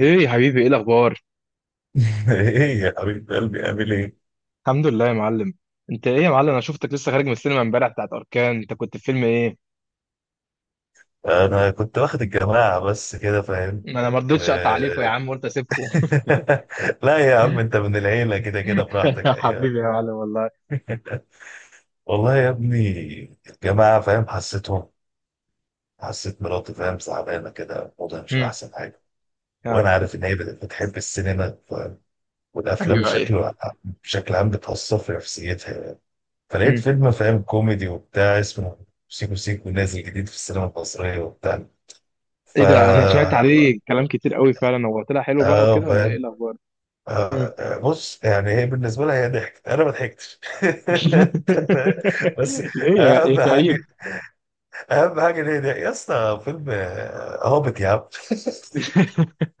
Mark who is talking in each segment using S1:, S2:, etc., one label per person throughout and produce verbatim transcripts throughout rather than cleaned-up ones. S1: ايه يا حبيبي، ايه الاخبار؟
S2: ايه يا حبيب قلبي، اعمل ايه؟
S1: الحمد لله يا معلم. انت ايه يا معلم؟ انا شفتك لسه خارج من السينما امبارح بتاعت اركان، انت كنت في فيلم ايه؟
S2: انا كنت واخد الجماعه بس كده، فاهم؟
S1: ما انا ما
S2: و...
S1: رضيتش اقطع عليكم يا عم، قلت اسيبكم.
S2: لا يا عم، انت من العيله كده كده براحتك،
S1: يا حبيبي
S2: ايوه.
S1: يا معلم والله.
S2: والله يا ابني الجماعه فاهم، حسيتهم. حسيت مراتي فاهم زعلانه كده، وضعها مش
S1: امم
S2: احسن حاجه.
S1: اه.
S2: وانا عارف ان هي بت- بتحب السينما، فاهم؟ والافلام
S1: ايوه، ايوه.
S2: بشكل بشكل عام بتاثر في نفسيتها. فلقيت
S1: امم
S2: فيلم فاهم كوميدي وبتاع اسمه سيكو سيكو نازل جديد في السينما المصريه وبتاع. ف
S1: ايه ده، انا سمعت عليه كلام كتير قوي، فعلا هو طلع حلو بقى
S2: اه
S1: وكده ولا ايه
S2: فاهم.
S1: الاخبار؟
S2: آه،
S1: امم
S2: آه، بص يعني هي بالنسبه لها هي ضحكت، انا ما ضحكتش. بس
S1: ليه يا يا
S2: اهم حاجه
S1: كئيب؟
S2: اهم حاجه ان هي ضحكت. يا اسطى فيلم آه، هابط يا عم.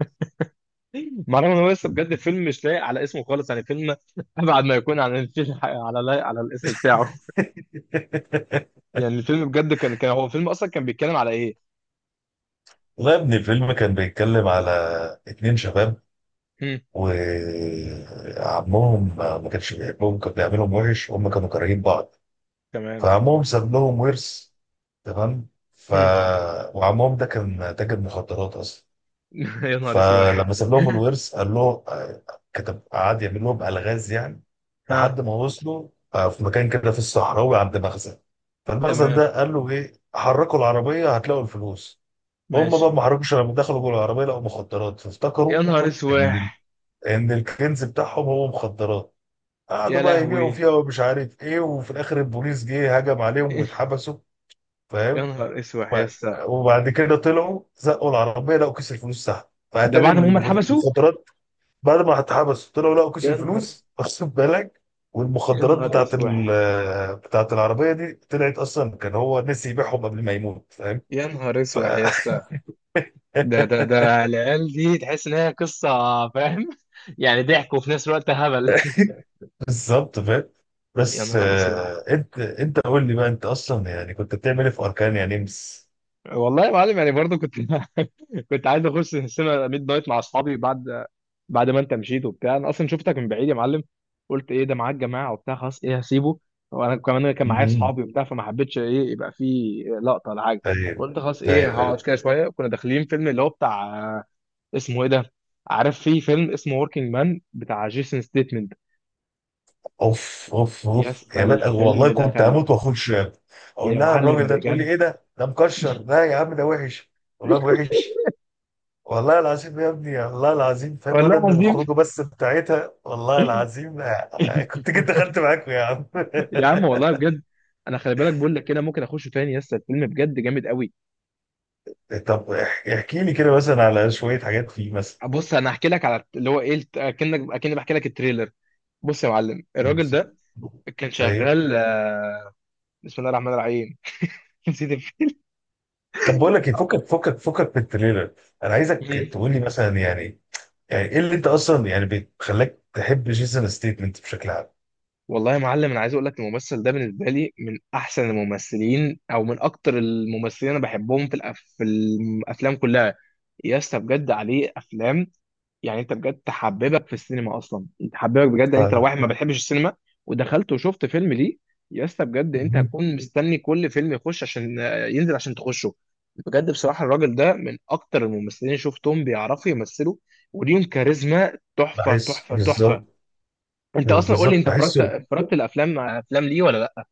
S1: مع ان هو لسه بجد فيلم مش لايق على اسمه خالص، يعني فيلم ابعد ما يكون عن الفيلم على لايق على الاسم بتاعه. يعني الفيلم بجد كان كان هو الفيلم اصلا كان بيتكلم على ايه؟
S2: والله يا ابني الفيلم كان بيتكلم على اتنين شباب،
S1: هم.
S2: وعمهم ما كانش بيحبهم، كان بيعملهم وحش، وهم كانوا كارهين بعض.
S1: تمام.
S2: فعمهم ساب لهم ورث. تمام. ف
S1: هم.
S2: وعمهم ده كان تاجر مخدرات اصلا.
S1: يا نهار
S2: فلما
S1: اسواح.
S2: ساب لهم الورث قال له، آه، كتب قعد يعمل لهم الغاز يعني.
S1: ها.
S2: لحد ما وصلوا آه، في مكان كده في الصحراوي عند مخزن. فالمخزن
S1: تمام،
S2: ده قال له ايه، حركوا العربيه هتلاقوا الفلوس. هم بقى
S1: ماشي.
S2: ما حركوش، لما دخلوا جوه العربيه لقوا مخدرات، فافتكروا
S1: يا نهار
S2: ان ال-
S1: اسواح،
S2: ان الكنز بتاعهم هو مخدرات. قعدوا
S1: يا
S2: بقى يبيعوا فيها
S1: لهوي.
S2: ومش عارف ايه، وفي الاخر البوليس جه هجم عليهم واتحبسوا،
S1: يا
S2: فاهم.
S1: نهار اسواح يا
S2: وب-
S1: اسطى.
S2: وبعد كده طلعوا زقوا العربيه لقوا كيس الفلوس تحت.
S1: ده
S2: فاتاري
S1: بعد ما هم اتحبسوا؟
S2: المخدرات بعد ما اتحبس، طلعوا لقوا كيس
S1: يا نهار،
S2: الفلوس، واخد بالك؟
S1: يا
S2: والمخدرات
S1: نهار
S2: بتاعت
S1: اسواح،
S2: ال- بتاعت العربيه دي طلعت اصلا كان هو نسي يبيعهم قبل ما يموت، فاهم.
S1: يا نهار
S2: ف
S1: اسواح يا اسطى. ده ده ده العيال دي تحس ان هي قصه، فاهم؟ يعني ضحك وفي نفس الوقت هبل.
S2: بالظبط فاهم.
S1: يا
S2: بس
S1: نهار اسود.
S2: آه، انت انت قول لي بقى، انت اصلا يعني كنت بتعمل ايه في اركان يا نمس؟
S1: والله يا معلم، يعني برضه كنت كنت عايز اخش السينما ميد نايت مع اصحابي بعد بعد ما انت مشيت وبتاع. انا اصلا شفتك من بعيد يا معلم، قلت ايه ده معاك جماعه وبتاع، خلاص ايه هسيبه. وانا كمان كان معايا
S2: مهم.
S1: اصحابي وبتاع، فما حبيتش ايه يبقى في لقطه ولا حاجه.
S2: ايوه
S1: قلت خلاص ايه
S2: ايوه
S1: هقعد
S2: ايوه.
S1: كده شويه. كنا داخلين فيلم اللي هو بتاع، اسمه ايه ده؟ عارف في فيلم اسمه وركينج مان بتاع جيسون ستيتمنت.
S2: اوف اوف
S1: يا
S2: اوف
S1: اسطى
S2: يا بقى،
S1: الفيلم
S2: والله كنت
S1: دخل.
S2: هموت واخش. اقول
S1: يا
S2: لها
S1: معلم
S2: الراجل ده، تقول لي
S1: بجد،
S2: ايه ده ده مكشر، لا يا عم ده وحش. والله وحش. والله العظيم يا ابني، والله العظيم فاهم، لولا
S1: والله
S2: ان
S1: العظيم.
S2: الخروجه بس بتاعتها، والله العظيم. آه، آه، كنت جيت دخلت معاكم يا عم.
S1: يا عم والله بجد. انا خلي بالك بقول لك كده، ممكن اخشه تاني. يس، الفيلم بجد جامد قوي.
S2: طب اح- احكي لي كده مثلا على شويه حاجات فيه مثلا.
S1: بص انا هحكي لك على اللي هو ايه، الت- اكنك اكني بحكي لك التريلر. بص يا معلم الراجل
S2: ميرسي.
S1: ده كان
S2: ايوه.
S1: شغال، آه، بسم الله الرحمن الرحيم. نسيت الف-
S2: طب بقول لك ايه، فكك فكك فكك من التريلر. انا عايزك
S1: مم.
S2: تقول لي مثلا، يعني يعني ايه اللي انت اصلا يعني بتخليك تحب جيسون ستيتمنت بشكل عام؟
S1: والله يا معلم، انا عايز اقول لك الممثل ده بالنسبه لي من احسن الممثلين، او من اكتر الممثلين انا بحبهم في الأف... في الافلام كلها. يا اسطى بجد عليه افلام. يعني انت بجد تحببك في السينما اصلا. تحببك بجد
S2: ف
S1: يعني، انت لو واحد ما بتحبش السينما ودخلت وشفت فيلم ليه، يا اسطى بجد انت
S2: مهم.
S1: هتكون مستني كل فيلم يخش عشان ينزل عشان تخشه. بجد بصراحة، الراجل ده من اكتر الممثلين اللي شفتهم بيعرفوا يمثلوا، وليهم كاريزما تحفة
S2: بحس،
S1: تحفة
S2: بالظبط
S1: تحفة. انت اصلا قول لي،
S2: بالظبط
S1: انت اتفرجت
S2: بحسه.
S1: اتفرجت الافلام افلام ليه ولا لا؟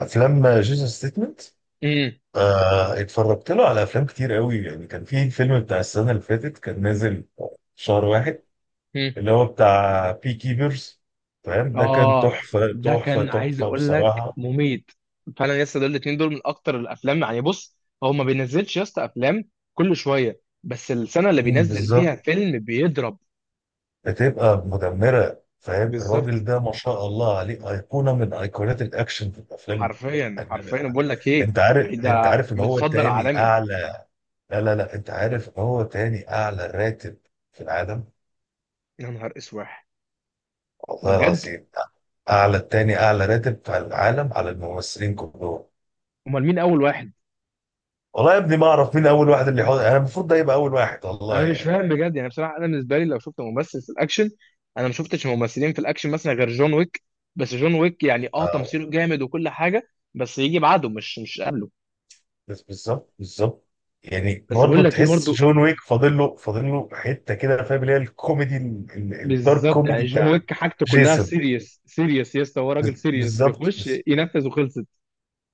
S2: افلام جيسون ستيتمنت آه، اتفرجت له على افلام كتير قوي. يعني كان في فيلم بتاع السنه اللي فاتت كان نازل شهر واحد،
S1: امم
S2: اللي هو بتاع بي كيبرز، فاهم. ده كان
S1: اه.
S2: تحفه
S1: ده
S2: تحفه
S1: كان عايز
S2: تحفه
S1: اقول لك
S2: بصراحه.
S1: مميت. فعلا يا اسطى دول الاثنين دول من اكتر الافلام، يعني بص هو ما بينزلش يا اسطى افلام كل شويه، بس السنه اللي
S2: مم،
S1: بينزل
S2: بالظبط.
S1: فيها فيلم بيضرب.
S2: هتبقى مدمره فاهم،
S1: بالظبط.
S2: الراجل ده ما شاء الله عليه ايقونه من ايقونات الاكشن في الافلام.
S1: حرفيا
S2: يعني
S1: حرفيا بقول لك ايه،
S2: انت عارف
S1: يعني
S2: انت
S1: ده
S2: عارف ان هو
S1: متصدر
S2: تاني
S1: عالمي.
S2: اعلى، لا لا لا، انت عارف ان هو تاني اعلى راتب في العالم.
S1: يا نهار اسواح. ده
S2: والله
S1: بجد؟
S2: العظيم. اعلى تاني اعلى راتب في العالم على الممثلين كلهم.
S1: امال مين اول واحد؟
S2: والله يا ابني ما اعرف مين اول واحد، اللي حوض انا المفروض ده يبقى اول واحد، والله
S1: انا مش
S2: يعني.
S1: فاهم بجد، يعني بصراحه انا بالنسبه لي لو شفت ممثل في الاكشن، انا ما شفتش ممثلين في الاكشن مثلا غير جون ويك. بس جون ويك يعني اه
S2: آه.
S1: تمثيله جامد وكل حاجه، بس يجي بعده مش مش قبله.
S2: بس بالظبط بالظبط. يعني
S1: بس بقول
S2: برضه
S1: لك ايه
S2: تحس
S1: برضو،
S2: جون ويك فاضل له فاضل له حته كده فاهم، اللي هي الكوميدي ال- ال- الدارك
S1: بالظبط. يعني
S2: كوميدي
S1: جون
S2: بتاع
S1: ويك حاجته كلها
S2: جيسون.
S1: سيريس سيريس يا اسطى، هو راجل
S2: بز-
S1: سيريس
S2: بالظبط،
S1: بيخش
S2: بس
S1: ينفذ وخلصت.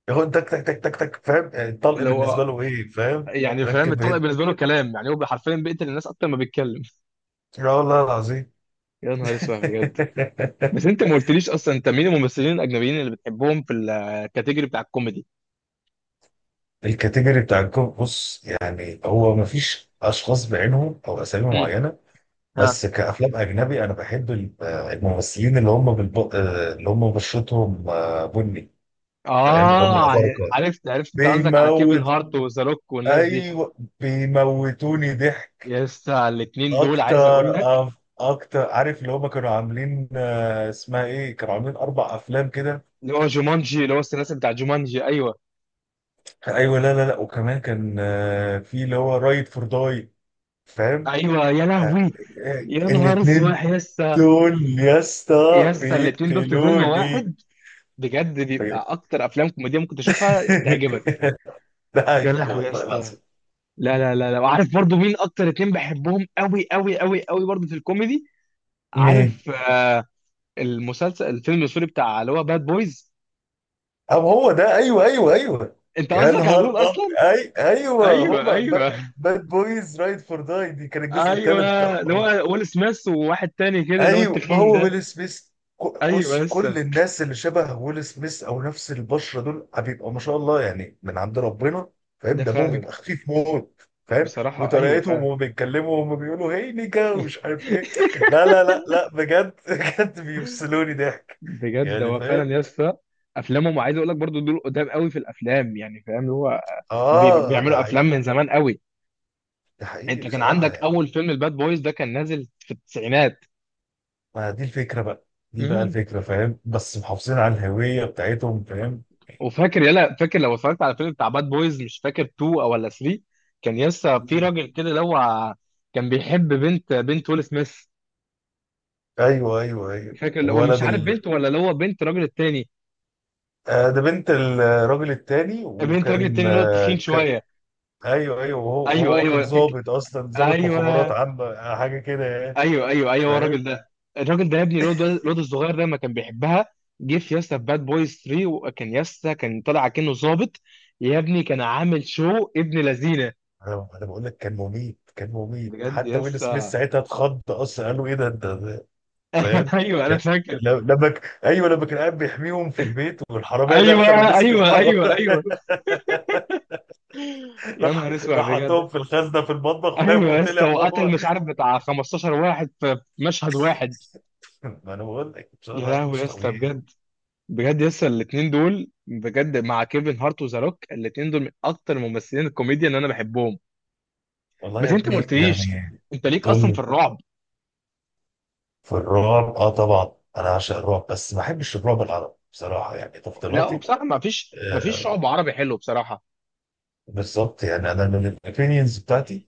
S2: ياخد تك تك تك تك تك، فاهم. يعني الطلق
S1: اللي
S2: بالنسبه
S1: هو
S2: له ايه، فاهم.
S1: يعني فاهم،
S2: ركب
S1: الطلق
S2: هنا.
S1: بالنسبه له كلام، يعني هو حرفيا بيقتل الناس اكتر ما بيتكلم.
S2: لا والله العظيم.
S1: يا نهار اسود بجد. بس انت ما قلتليش اصلا، انت مين الممثلين الاجنبيين اللي بتحبهم في الكاتيجوري بتاع الكوميدي؟
S2: الكاتيجوري بتاع الجوب، بص يعني هو مفيش اشخاص بعينهم او اسامي
S1: مم.
S2: معينه. بس
S1: ها.
S2: كافلام اجنبي انا بحب ال- آه، الممثلين اللي هم بالب... آه، اللي هم بشرتهم آه، بني، فاهم، اللي هم
S1: اه، عن-
S2: الافارقه.
S1: عرفت عرفت انت قصدك على كيفن
S2: بيموت.
S1: هارت وذا روك والناس دي.
S2: ايوه. بيموتوني ضحك.
S1: لسه الاثنين دول عايز اقول
S2: اكتر،
S1: لك،
S2: أف... اكتر، عارف اللي هم كانوا عاملين آه، اسمها ايه، كانوا عاملين اربع افلام كده.
S1: اللي هو جومانجي اللي هو الثلاثي بتاع جومانجي، ايوه.
S2: ايوه. لا لا لا، وكمان كان آه، في اللي هو رايد فور داي، فاهم.
S1: ايوه، يا
S2: آه، آه،
S1: لهوي. يا
S2: آه،
S1: نهار اسود
S2: الاتنين
S1: يسا.
S2: دول يا اسطى
S1: يسا الاثنين دول في فيلم
S2: بيقتلوني.
S1: واحد، بجد بيبقى
S2: طيب.
S1: اكتر افلام كوميديه ممكن تشوفها تعجبك.
S2: ده
S1: يا
S2: حقيقي
S1: لهوي
S2: والله
S1: يسا.
S2: العظيم.
S1: لا لا لا لا، وعارف برضو مين اكتر اتنين بحبهم قوي قوي قوي قوي برضو في الكوميدي؟
S2: مين؟
S1: عارف آه المسلسل الفيلم السوري بتاع اللي هو باد بويز.
S2: أم هو ده، أيوه أيوه أيوه.
S1: انت
S2: يا
S1: قصدك على
S2: نهار
S1: دول
S2: أب
S1: اصلا؟
S2: أي أيوه،
S1: ايوه
S2: هما
S1: ايوه
S2: باد بويز رايد فور داي، دي كان الجزء
S1: ايوه.
S2: الثالث
S1: اللي
S2: بتاعهم.
S1: هو ويل سميث وواحد تاني كده اللي هو
S2: ايوه. ما
S1: التخين
S2: هو
S1: ده.
S2: ويل سميث، ك-
S1: ايوه
S2: كس- كل
S1: لسه.
S2: الناس اللي شبه ويل سميث او نفس البشره دول بيبقى ما شاء الله يعني من عند ربنا. فاهم،
S1: ده
S2: دمهم بيبقى
S1: فعلا.
S2: خفيف موت، فاهم،
S1: بصراحه ايوه
S2: وطريقتهم
S1: فعلا.
S2: وهم بيتكلموا وهم بيقولوا هي نيكا ومش عارف ايه. لا لا لا لا، بجد بجد بيفصلوني ضحك.
S1: بجد
S2: يعني
S1: هو فعلا
S2: فاهم.
S1: يا اسطى. افلامهم عايز اقول لك برضو دول قدام قوي في الافلام، يعني فاهم اللي هو بي-
S2: اه ده
S1: بيعملوا افلام
S2: حقيقي.
S1: من زمان قوي.
S2: ده حقيقي
S1: انت كان
S2: بصراحه
S1: عندك
S2: يعني.
S1: اول فيلم الباد بويز ده كان نازل في التسعينات.
S2: ما دي الفكره بقى، دي بقى
S1: مم.
S2: الفكره، فاهم، بس محافظين على الهويه بتاعتهم فاهم.
S1: وفاكر يلا، فاكر لو اتفرجت على فيلم بتاع باد بويز، مش فاكر تو او ولا تلاتة، كان يسا في
S2: مم.
S1: راجل كده اللي هو كان بيحب بنت بنت ويل سميث.
S2: ايوه ايوه ايوه
S1: فاكر اللي هو مش
S2: الولد.
S1: عارف بنت ولا اللي هو بنت الراجل التاني،
S2: آه، ده بنت الراجل التاني،
S1: بنت الراجل
S2: وكان
S1: التاني اللي هو
S2: آه،
S1: التخين
S2: ك...
S1: شويه.
S2: ايوه ايوه، وهو,
S1: ايوه
S2: وهو كان
S1: ايوه فك...
S2: ضابط اصلا، ضابط مخابرات
S1: ايوه
S2: عامه حاجه كده يعني،
S1: ايوه ايوه ايوه. هو
S2: فاهم.
S1: الراجل ده. الراجل ده يا ابني، الواد الواد الصغير ده ما كان بيحبها، جه في ياسا في باد بويز تري وكان ياسا كان طالع كأنه ظابط، يا ابني كان عامل شو، ابن لذينه.
S2: انا أنا بقول لك كان مميت، كان مميت،
S1: بجد
S2: حتى ويل سميث
S1: ياسا.
S2: ساعتها اتخض اصلا، قالوا ايه ده، انت ده- فاهم.
S1: ايوه انا فاكر.
S2: ل- لما ك... ايوه، لما كان قاعد بيحميهم في البيت والحراميه
S1: ايوه
S2: دخل ومسك
S1: ايوه
S2: الحراميه.
S1: ايوه ايوه. يا
S2: راح
S1: نهار اسود
S2: راح
S1: بجد.
S2: حطهم في الخزنه في المطبخ،
S1: ايوه
S2: فاهم،
S1: يا اسطى،
S2: وطلع
S1: وقتل
S2: هو.
S1: مش عارف بتاع خمسة عشر واحد في مشهد واحد.
S2: ما انا بقول لك، ان شاء
S1: يا
S2: الله يعني
S1: لهوي
S2: مش
S1: يا اسطى
S2: طبيعي.
S1: بجد. بجد لسه الاثنين دول بجد، مع كيفن هارت وذا روك، الاثنين دول من اكتر ممثلين الكوميديا اللي انا بحبهم.
S2: والله
S1: بس
S2: يا
S1: انت ما
S2: ابني
S1: قلتليش،
S2: يعني.
S1: انت ليك اصلا في
S2: طول.
S1: الرعب؟
S2: في الرعب، اه طبعا انا عاشق الرعب، بس ما بحبش الرعب العربي بصراحه، يعني
S1: لا
S2: تفضيلاتي.
S1: بصراحه، ما فيش ما فيش
S2: آه
S1: رعب عربي حلو بصراحه.
S2: بالظبط، يعني انا من الاوبينيونز بتاعتي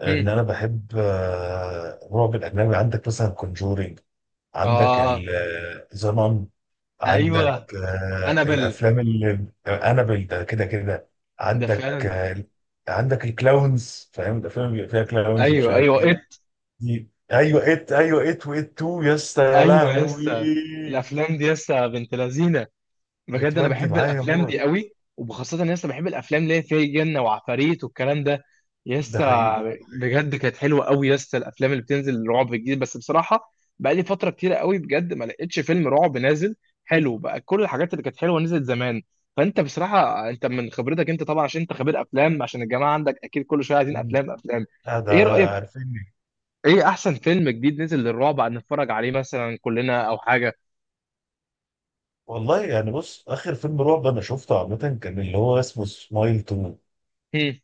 S2: آه،
S1: هم.
S2: ان انا بحب آه الرعب الاجنبي. عندك مثلا كونجورينج، عندك
S1: اه،
S2: زنان، عندك
S1: ايوه.
S2: آه
S1: انابل.
S2: الافلام اللي انابل ده كده كده.
S1: ده
S2: عندك
S1: فعلا.
S2: آه عندك الكلاونز، فاهم، الافلام اللي بيبقى فيها كلاونز ومش
S1: ايوه
S2: عارف
S1: ايوه،
S2: ايه.
S1: إيه؟
S2: دي، ايوه، ات، ايوه، ات وات تو يا اسطى يا
S1: ايوه
S2: لهوي.
S1: لسه. الافلام دي لسه بنت لذينه. بجد انا
S2: بتودي
S1: بحب
S2: معايا
S1: الافلام دي
S2: موت.
S1: قوي، وبخاصه ان لسه بحب الافلام اللي هي فيها جن وعفاريت والكلام ده.
S2: ده
S1: لسه
S2: حقيقي.
S1: بجد كانت حلوه قوي، لسه الافلام اللي بتنزل رعب جديد بس بصراحه بقى لي فتره كتيره قوي بجد ما لقيتش فيلم رعب نازل حلو بقى، كل الحاجات اللي كانت حلوه نزلت زمان. فانت بصراحه، انت من خبرتك انت طبعا، عشان انت خبير افلام عشان الجماعه عندك اكيد كل شويه عايزين
S2: مم.
S1: افلام افلام
S2: آه ده.
S1: ايه رايك،
S2: عارفيني.
S1: ايه احسن فيلم جديد نزل للرعب عن نتفرج عليه مثلا كلنا او حاجه؟
S2: والله يعني، بص اخر فيلم رعب انا شفته عامه كان اللي هو اسمه سمايل تو،
S1: هم.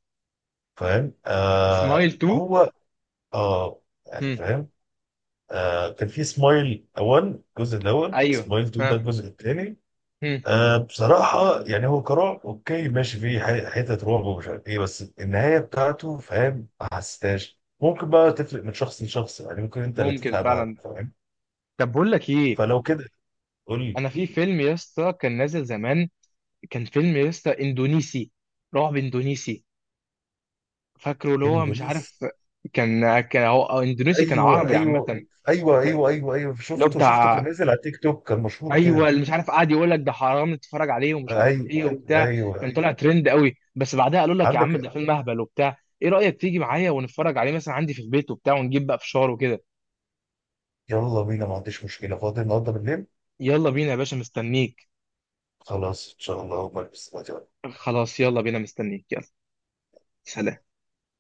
S2: فاهم. آه
S1: سمايل تو.
S2: هو، اه يعني
S1: هم.
S2: فاهم. آه كان في سمايل وان، الجزء الاول،
S1: ايوه.
S2: سمايل تو ده
S1: ها.
S2: الجزء الثاني.
S1: مم.
S2: آه بصراحه يعني هو كرعب اوكي ماشي، فيه ح- حتت رعب ومش عارف ايه، بس النهايه بتاعته فاهم ما حسيتهاش. ممكن بقى تفرق من شخص لشخص، يعني ممكن انت اللي
S1: ممكن
S2: تفهمها،
S1: فعلا.
S2: فاهم.
S1: طب بقول لك ايه،
S2: فلو كده قول لي.
S1: انا في فيلم يا اسطى كان نازل زمان، كان فيلم يا اسطى اندونيسي، رعب اندونيسي، فاكره اللي هو مش
S2: اندونيسي؟
S1: عارف، كان كان هو أو اندونيسي كان
S2: ايوه
S1: عربي
S2: ايوه
S1: عامه.
S2: ايوه ايوه ايوه ايوه،
S1: اللي هو
S2: شفته شفته كان
S1: بتاع
S2: نازل على تيك توك كان مشهور
S1: ايوه
S2: كده.
S1: اللي مش عارف قاعد يقول لك ده حرام تتفرج عليه ومش عارف ايه
S2: ايوه
S1: وبتاع،
S2: ايوه.
S1: كان طلع ترند قوي بس بعدها قالوا لك يا عم
S2: عندك.
S1: ده فيلم اهبل وبتاع. ايه رايك تيجي معايا ونتفرج عليه مثلا عندي في البيت وبتاع، ونجيب بقى فشار وكده.
S2: يلا بينا، ما عنديش مشكله، فاضي النهارده بالليل.
S1: يلا بينا يا باشا، مستنيك.
S2: خلاص ان شاء الله بلبس دلوقتي.
S1: خلاص يلا بينا، مستنيك يلا. سلام.